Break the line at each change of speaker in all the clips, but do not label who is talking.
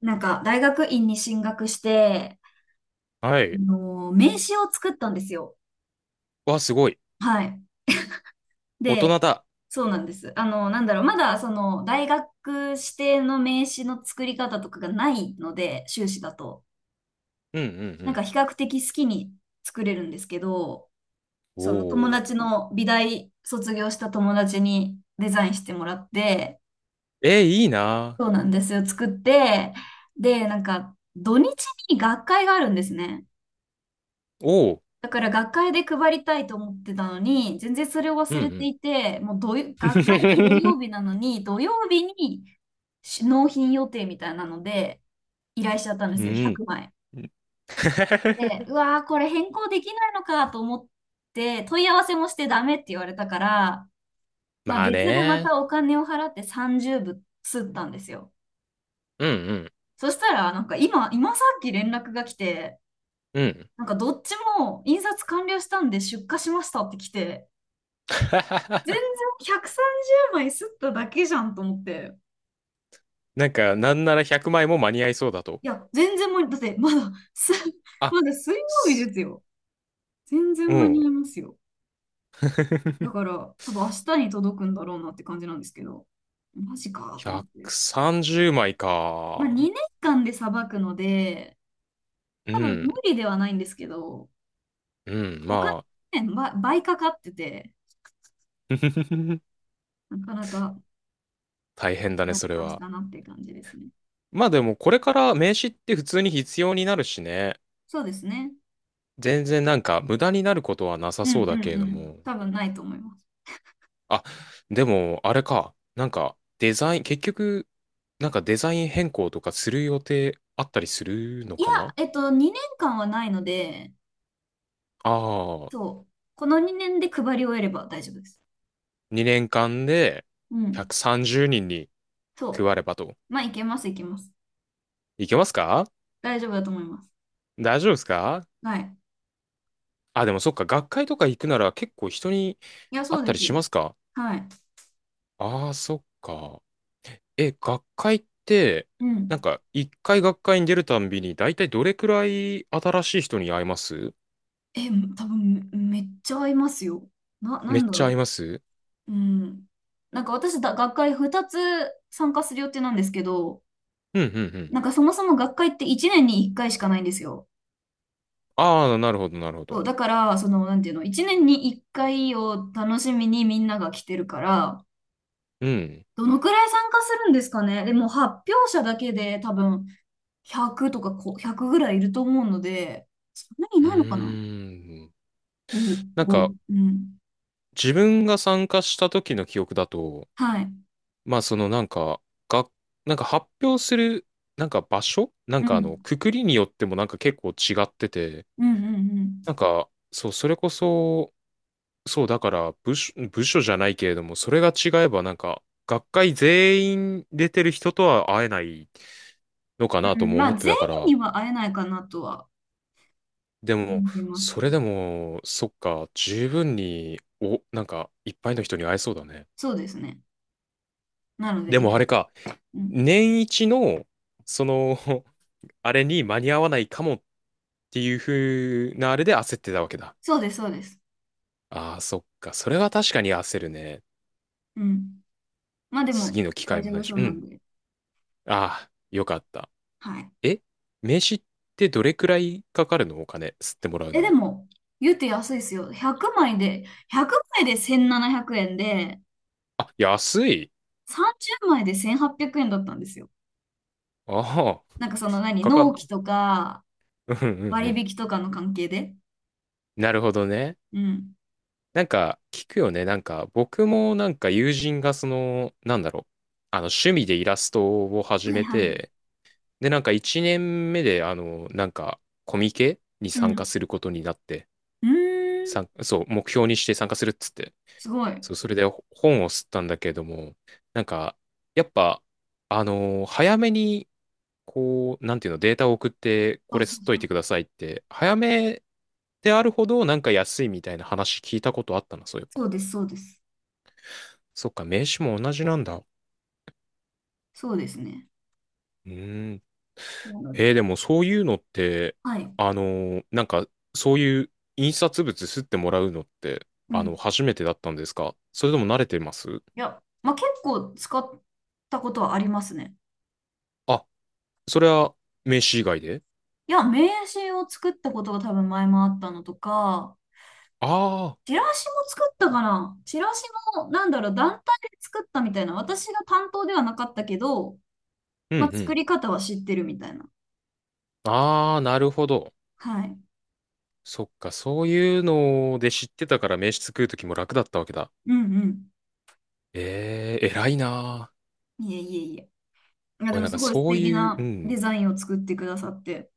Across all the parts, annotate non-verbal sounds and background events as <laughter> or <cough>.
大学院に進学して、
はい。
名刺を作ったんですよ。
わ、すごい。
はい。
大
で、
人だ。
そうなんです。あの、なんだろう、まだ、その、大学指定の名刺の作り方とかがないので、修士だと。
うんうん
比較的好きに作れるんですけど、
うん。
友
おー。
達の、美大卒業した友達にデザインしてもらって、
えー、いいな
そうなんですよ、作って、で、なんか、土日に学会があるんですね。
ー。おー。
だから学会で配りたいと思ってたのに、全然それを
う
忘れて
ん
いて、もう土よ学会が土
う
曜
ん。
日
<laughs>
なのに、土曜日に納品予定みたいなので、依頼しちゃったんで
う
すよ、
ん。
100枚。で、
<laughs>
うわー、これ変更できないのかと思って、問い合わせもしてダメって言われたから、まあ
まあ
別でま
ね。
たお金を払って30部吸ったんですよ。
うんうん。
そしたら、今さっき連絡が来て、
うん。
なんかどっちも印刷完了したんで出荷しましたって来て、全然
<laughs>
130枚吸っただけじゃんと思って。
なんか、なんなら100枚も間に合いそうだと。
いや、全然間に、だってまだ、す、<laughs>
あ、
まだ水曜日で
す
すよ。全
う
然間に
ん。
合いますよ。だから、多分明日に届くんだろうなって感じなんですけど、マジかと思って。
130枚
まあ、2
か。
年間でさばくので、
う
多分
ん。
無理ではないんですけど、
うん。
お金、
ま
ね、ば倍かかってて、
あ。<laughs>
なかなか
大変だね、
やっ
それは。
たなっていう感じですね。
まあでも、これから名刺って普通に必要になるしね。
そうですね。
全然なんか無駄になることはなさ
うん
そうだ
うん
けれど
うん。
も。
多分ないと思います。
あ、でもあれか。なんかデザイン、結局、なんかデザイン変更とかする予定あったりするの
いや、
かな？
2年間はないので、
ああ、
そう。この2年で配り終えれば大丈夫です。
2年間で
うん。
130人に
そ
配ればと。
う。まあ、いけます、いけます。
いけますか？
大丈夫だと思います。
大丈夫ですか？
はい。
あ、でもそっか、学会とか行くなら結構人に
いや、
会
そ
っ
う
た
で
り
す
しま
よ。
すか？
はい。
ああー、そっか。え、学会って、
う
なん
ん。
か、一回学会に出るたんびに、だいたいどれくらい新しい人に会えます？
え、多分め、めっちゃ合いますよ。な、な
め
ん
っ
だ
ちゃ会え
ろ
ます？
うん。なんか私だ、学会2つ参加する予定なんですけど、
うん、うん、うん。
なんかそもそも学会って1年に1回しかないんですよ。
ああ、なるほど、なるほど。
そう、だから、その、なんていうの、1年に1回を楽しみにみんなが来てるから、
うん。
どのくらい参加するんですかね。でも発表者だけで多分100とかこう100ぐらいいると思うので、そんなにい
う
ないのかな？
ーん。
5、
なん
5。
か、
うん。
自分が参加した時の記憶だと、
はい。
まあ、その、なんか、が、なんか発表する、なんか場所なん
う
か、あの、
ん。
くくりによってもなんか結構違ってて、
うんうんう
なん
ん。
か、そう、それこそ、そう、だから部署、部署じゃないけれども、それが違えばなんか、学会全員出てる人とは会えないのかな
う
と
ん、
も
ま
思
あ
って
全
たか
員
ら、
には会えないかなとは
でも、
思います
そ
け
れ
ど。
でも、そっか、十分に、なんか、いっぱいの人に会えそうだね。
そうですね。なの
で
でいっぱ
もあれ
い。
か、
うん。
年一の、その、<laughs> あれに間に合わないかもっていう風なあれで焦ってたわけだ。
そうです、そうです。
ああ、そっか、それは確かに焦るね。
うん。まあでも
次の機
大
会も
丈
な
夫
いし、
そう
う
なん
ん。
で。
ああ、よかった。
はい。
え、名刺ってどれくらいかかるの？お金、吸ってもらうの
え、で
に。
も、言うて安いですよ。100枚で1700円で、
あ、安い。
30枚で1800円だったんですよ。
ああ、
なんかその何、
かか、
納期
<laughs>
とか
うんうんう
割
ん。
引とかの関係で。
なるほどね。
うん。
なんか、聞くよね。なんか、僕もなんか友人がその、なんだろう。あの、趣味でイラストを始
はい
め
はい。
て、で、なんか1年目で、あの、なんか、コミケに
う
参加
ん。
することになって、
うーん。
そう、目標にして参加するっつって。
すごい。
そう、それで本を吸ったんだけれども、なんか、やっぱ、あの早めにこう、なんていうの、データを送って、
そ
こ
う
れ
そ
吸っ
う
と
そ
いて
う。
くださいって、早めであるほどなんか安いみたいな話聞いたことあったな、そういえ
そ
ば。
うです、そうです。
そっか、名刺も同じなんだ。う
そうですね。
ーん。
なので、
でもそういうのって、
はい。
なんか、そういう印刷物吸ってもらうのって、
う
あの、
ん。
初めてだったんですか？それとも慣れてます？
いや、まあ、結構使ったことはありますね。
あ、それは名刺以外で？
いや、名刺を作ったことが多分前もあったのとか、
ああ
チ
ー、
ラシも作ったかな。チラシも、なんだろう、団体で作ったみたいな。私が担当ではなかったけど、
うんう
まあ、作
ん。
り方は知ってるみたいな。
ああ、なるほど。
はい。
そっか、そういうので知ってたから名刺作るときも楽だったわけだ。
うん
ええー、偉いなぁ。
うん。いえいえいえ。いや、で
俺
も
なん
す
か
ごい素
そう
敵
いう、う
なデ
ん。
ザインを作ってくださって。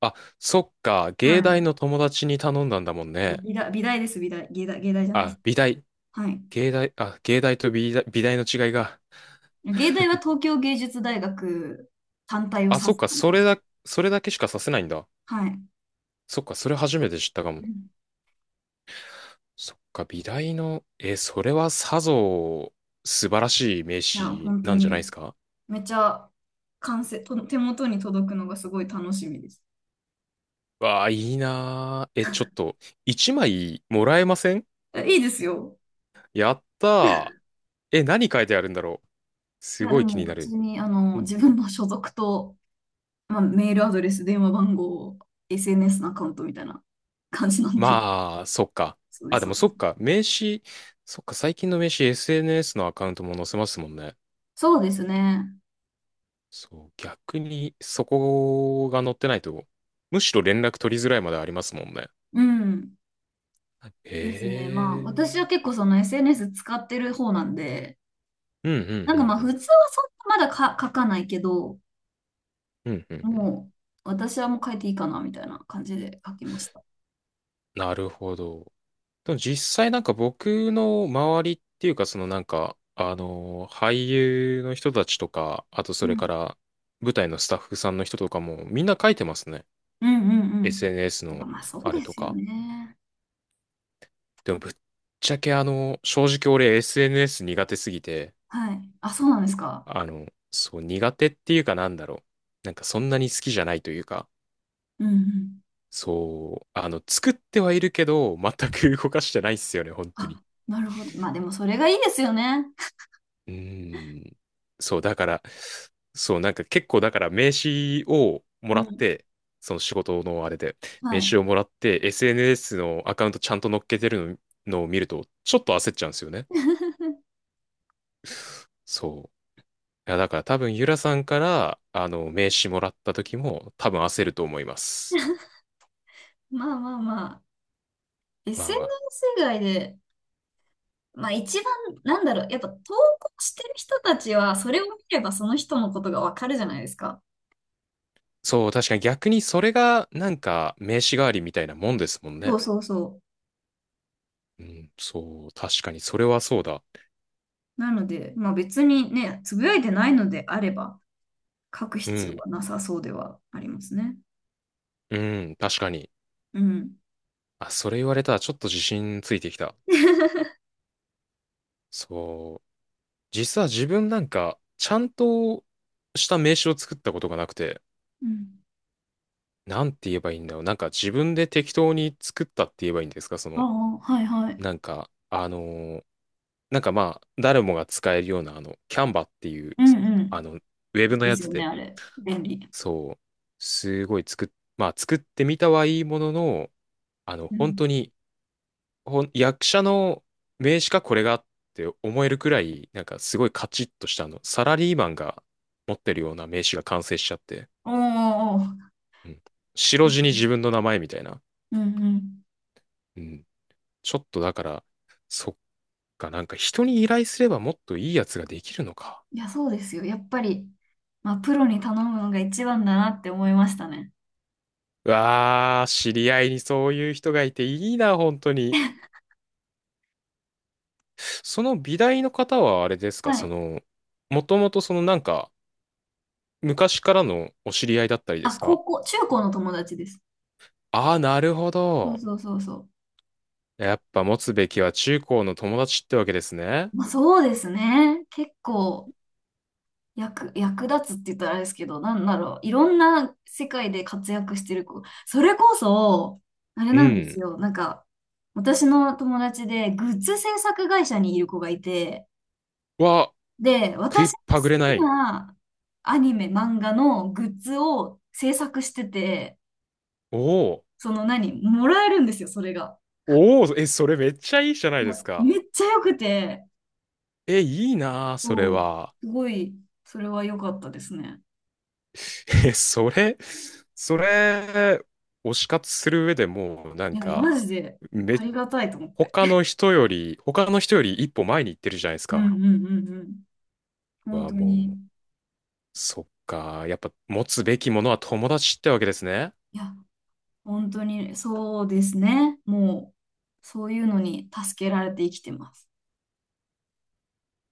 あ、そっか、芸
はい。
大の友達に頼んだんだもん
そう、
ね。
美大です、美大。芸大じゃないです。
あ、美大、
はい。
芸大、あ、芸大と美大、美大の違いが。
芸大は東京芸術大学単体を指
あ、
す
そっか、
感じ
そ
で
れ
す。
だ、それだけしかさせないんだ。
はい。
そっか、それ初めて知ったか
う
も。
ん、
そっか、美大の、え、それはさぞ、素晴らしい名
いや、
刺
本当
なんじゃないで
に、
すか？
めちゃ完成、と手元に届くのがすごい楽しみです。
わあ、いいなぁ。え、ちょっと、一枚もらえません？
えいいですよ。
やったー。え、何書いてあるんだろう。すごい気にな
普
る。
通に、
うん、
自分の所属と、まあ、メールアドレス、電話番号、SNS のアカウントみたいな感じなんで。
まあ、そっか。
<laughs> そうで
あ、
す、
で
そ
も
うで
そ
す。
っか。名刺、そっか、最近の名刺 SNS のアカウントも載せますもんね。
そうですね。
そう、逆にそこが載ってないと、むしろ連絡取りづらいまでありますもんね。
うん。
へ
ですね。まあ、私
え。
は結構その SNS 使ってる方なんで、
うんうんうんう
普
ん。
通はそんなまだか書かないけど、
うんうんうん。
もう、私はもう書いていいかな、みたいな感じで書きました。
なるほど。でも実際なんか僕の周りっていうかそのなんか、あの俳優の人たちとか、あとそ
う
れか
ん。
ら舞台のスタッフさんの人とかもみんな書いてますね。
うんうんうん。
SNS
やっぱ
の
まあ、そう
あ
で
れと
すよ
か。
ね。
でもぶっちゃけあの、正直俺 SNS 苦手すぎて、
はい。あ、そうなんですか。
あの、そう苦手っていうかなんだろう。なんかそんなに好きじゃないというか、
うんうん。
そう、あの、作ってはいるけど、全く動かしてないっすよね、本当
あ、
に。
なるほど。まあ、でもそれがいいですよね。
うーん。そう、だから、そう、なんか結構だから名刺をも
う
らっ
ん。
て、その仕事のあれで、
は
名
い。
刺をもらって、SNS のアカウントちゃんと乗っけてるの、を見ると、ちょっと焦っちゃうんですよね。
<laughs>
そう。いや、だから多分、ゆらさんから、あの、名刺もらった時も、多分焦ると思います。
まあまあまあ、
まあまあ。
SNS 以外で、まあ一番、なんだろう、やっぱ投稿してる人たちは、それを見ればその人のことがわかるじゃないですか。
そう、確かに逆にそれが、なんか、名刺代わりみたいなもんですもん
そ
ね。
うそうそ
うん、そう、確かに、それはそうだ。
う。なので、まあ別にね、つぶやいてないのであれば、書く
う
必要
ん、
はなさそうではありますね。
うん、確かに。
うん。
あ、それ言われたらちょっと自信ついてきた。
<laughs>
そう。実は自分なんか、ちゃんとした名刺を作ったことがなくて、
うん。
なんて言えばいいんだろう。なんか自分で適当に作ったって言えばいいんですかそ
あ
の、
あ、はいはい。
なんか、ーなんかまあ、誰もが使えるような、あの、キャンバっていう、
うんう
あ
ん。
の、ウェ
い
ブ
い
の
で
や
す
つ
よね、
で、
あれ。便利。
そう、すごいまあ、作ってみたはいいものの、あの、
う
本
ん。
当に、役者の名刺かこれがって思えるくらい、なんかすごいカチッとしたあの、サラリーマンが持ってるような名刺が完成しちゃって、
おーおーおー、
うん。白地に自分の名前みたいな。
うんうん。
うん。ちょっとだから、そっか、なんか人に依頼すればもっといいやつができるのか。
いや、そうですよ。やっぱり、まあ、プロに頼むのが一番だなって思いましたね。
うわあ、知り合いにそういう人がいていいな、本当に。
<laughs>
その美大の方はあれですか、
は
そ
い。
の、もともとそのなんか、昔からのお知り合いだったりで
あ、
すか？
中高の友達です。
ああー、なるほ
そう
ど。
そうそうそ
やっぱ持つべきは中高の友達ってわけですね。
う。まあ、そうですね。結構、役、役立つって言ったらあれですけど、なんだろう。いろんな世界で活躍してる子。それこそ、あれ
う
なんです
ん。
よ。私の友達で、グッズ制作会社にいる子がいて、
は、
で、
食い
私
っ
の
ぱぐれな
好き
い。
なアニメ、漫画のグッズを制作してて、
おお。
その何、もらえるんですよ、それが。
おお、え、それめっちゃいいじゃな
い
いで
や、
すか。
めっちゃ良くて、
え、いいなあそれ
そう、
は。
すごい、それは良かったですね。
<laughs> え、それ、それ、推し活する上でもう、な
い
ん
や、
か、
マジで
め、
ありがたいと思って。
他の人より、他の人より一歩前に行ってるじゃないです
うん
か。
うんうんうん。本
は、
当に。
もう、そっか。やっぱ持つべきものは友達ってわけですね。
いや、本当にそうですね。そういうのに助けられて生きてます。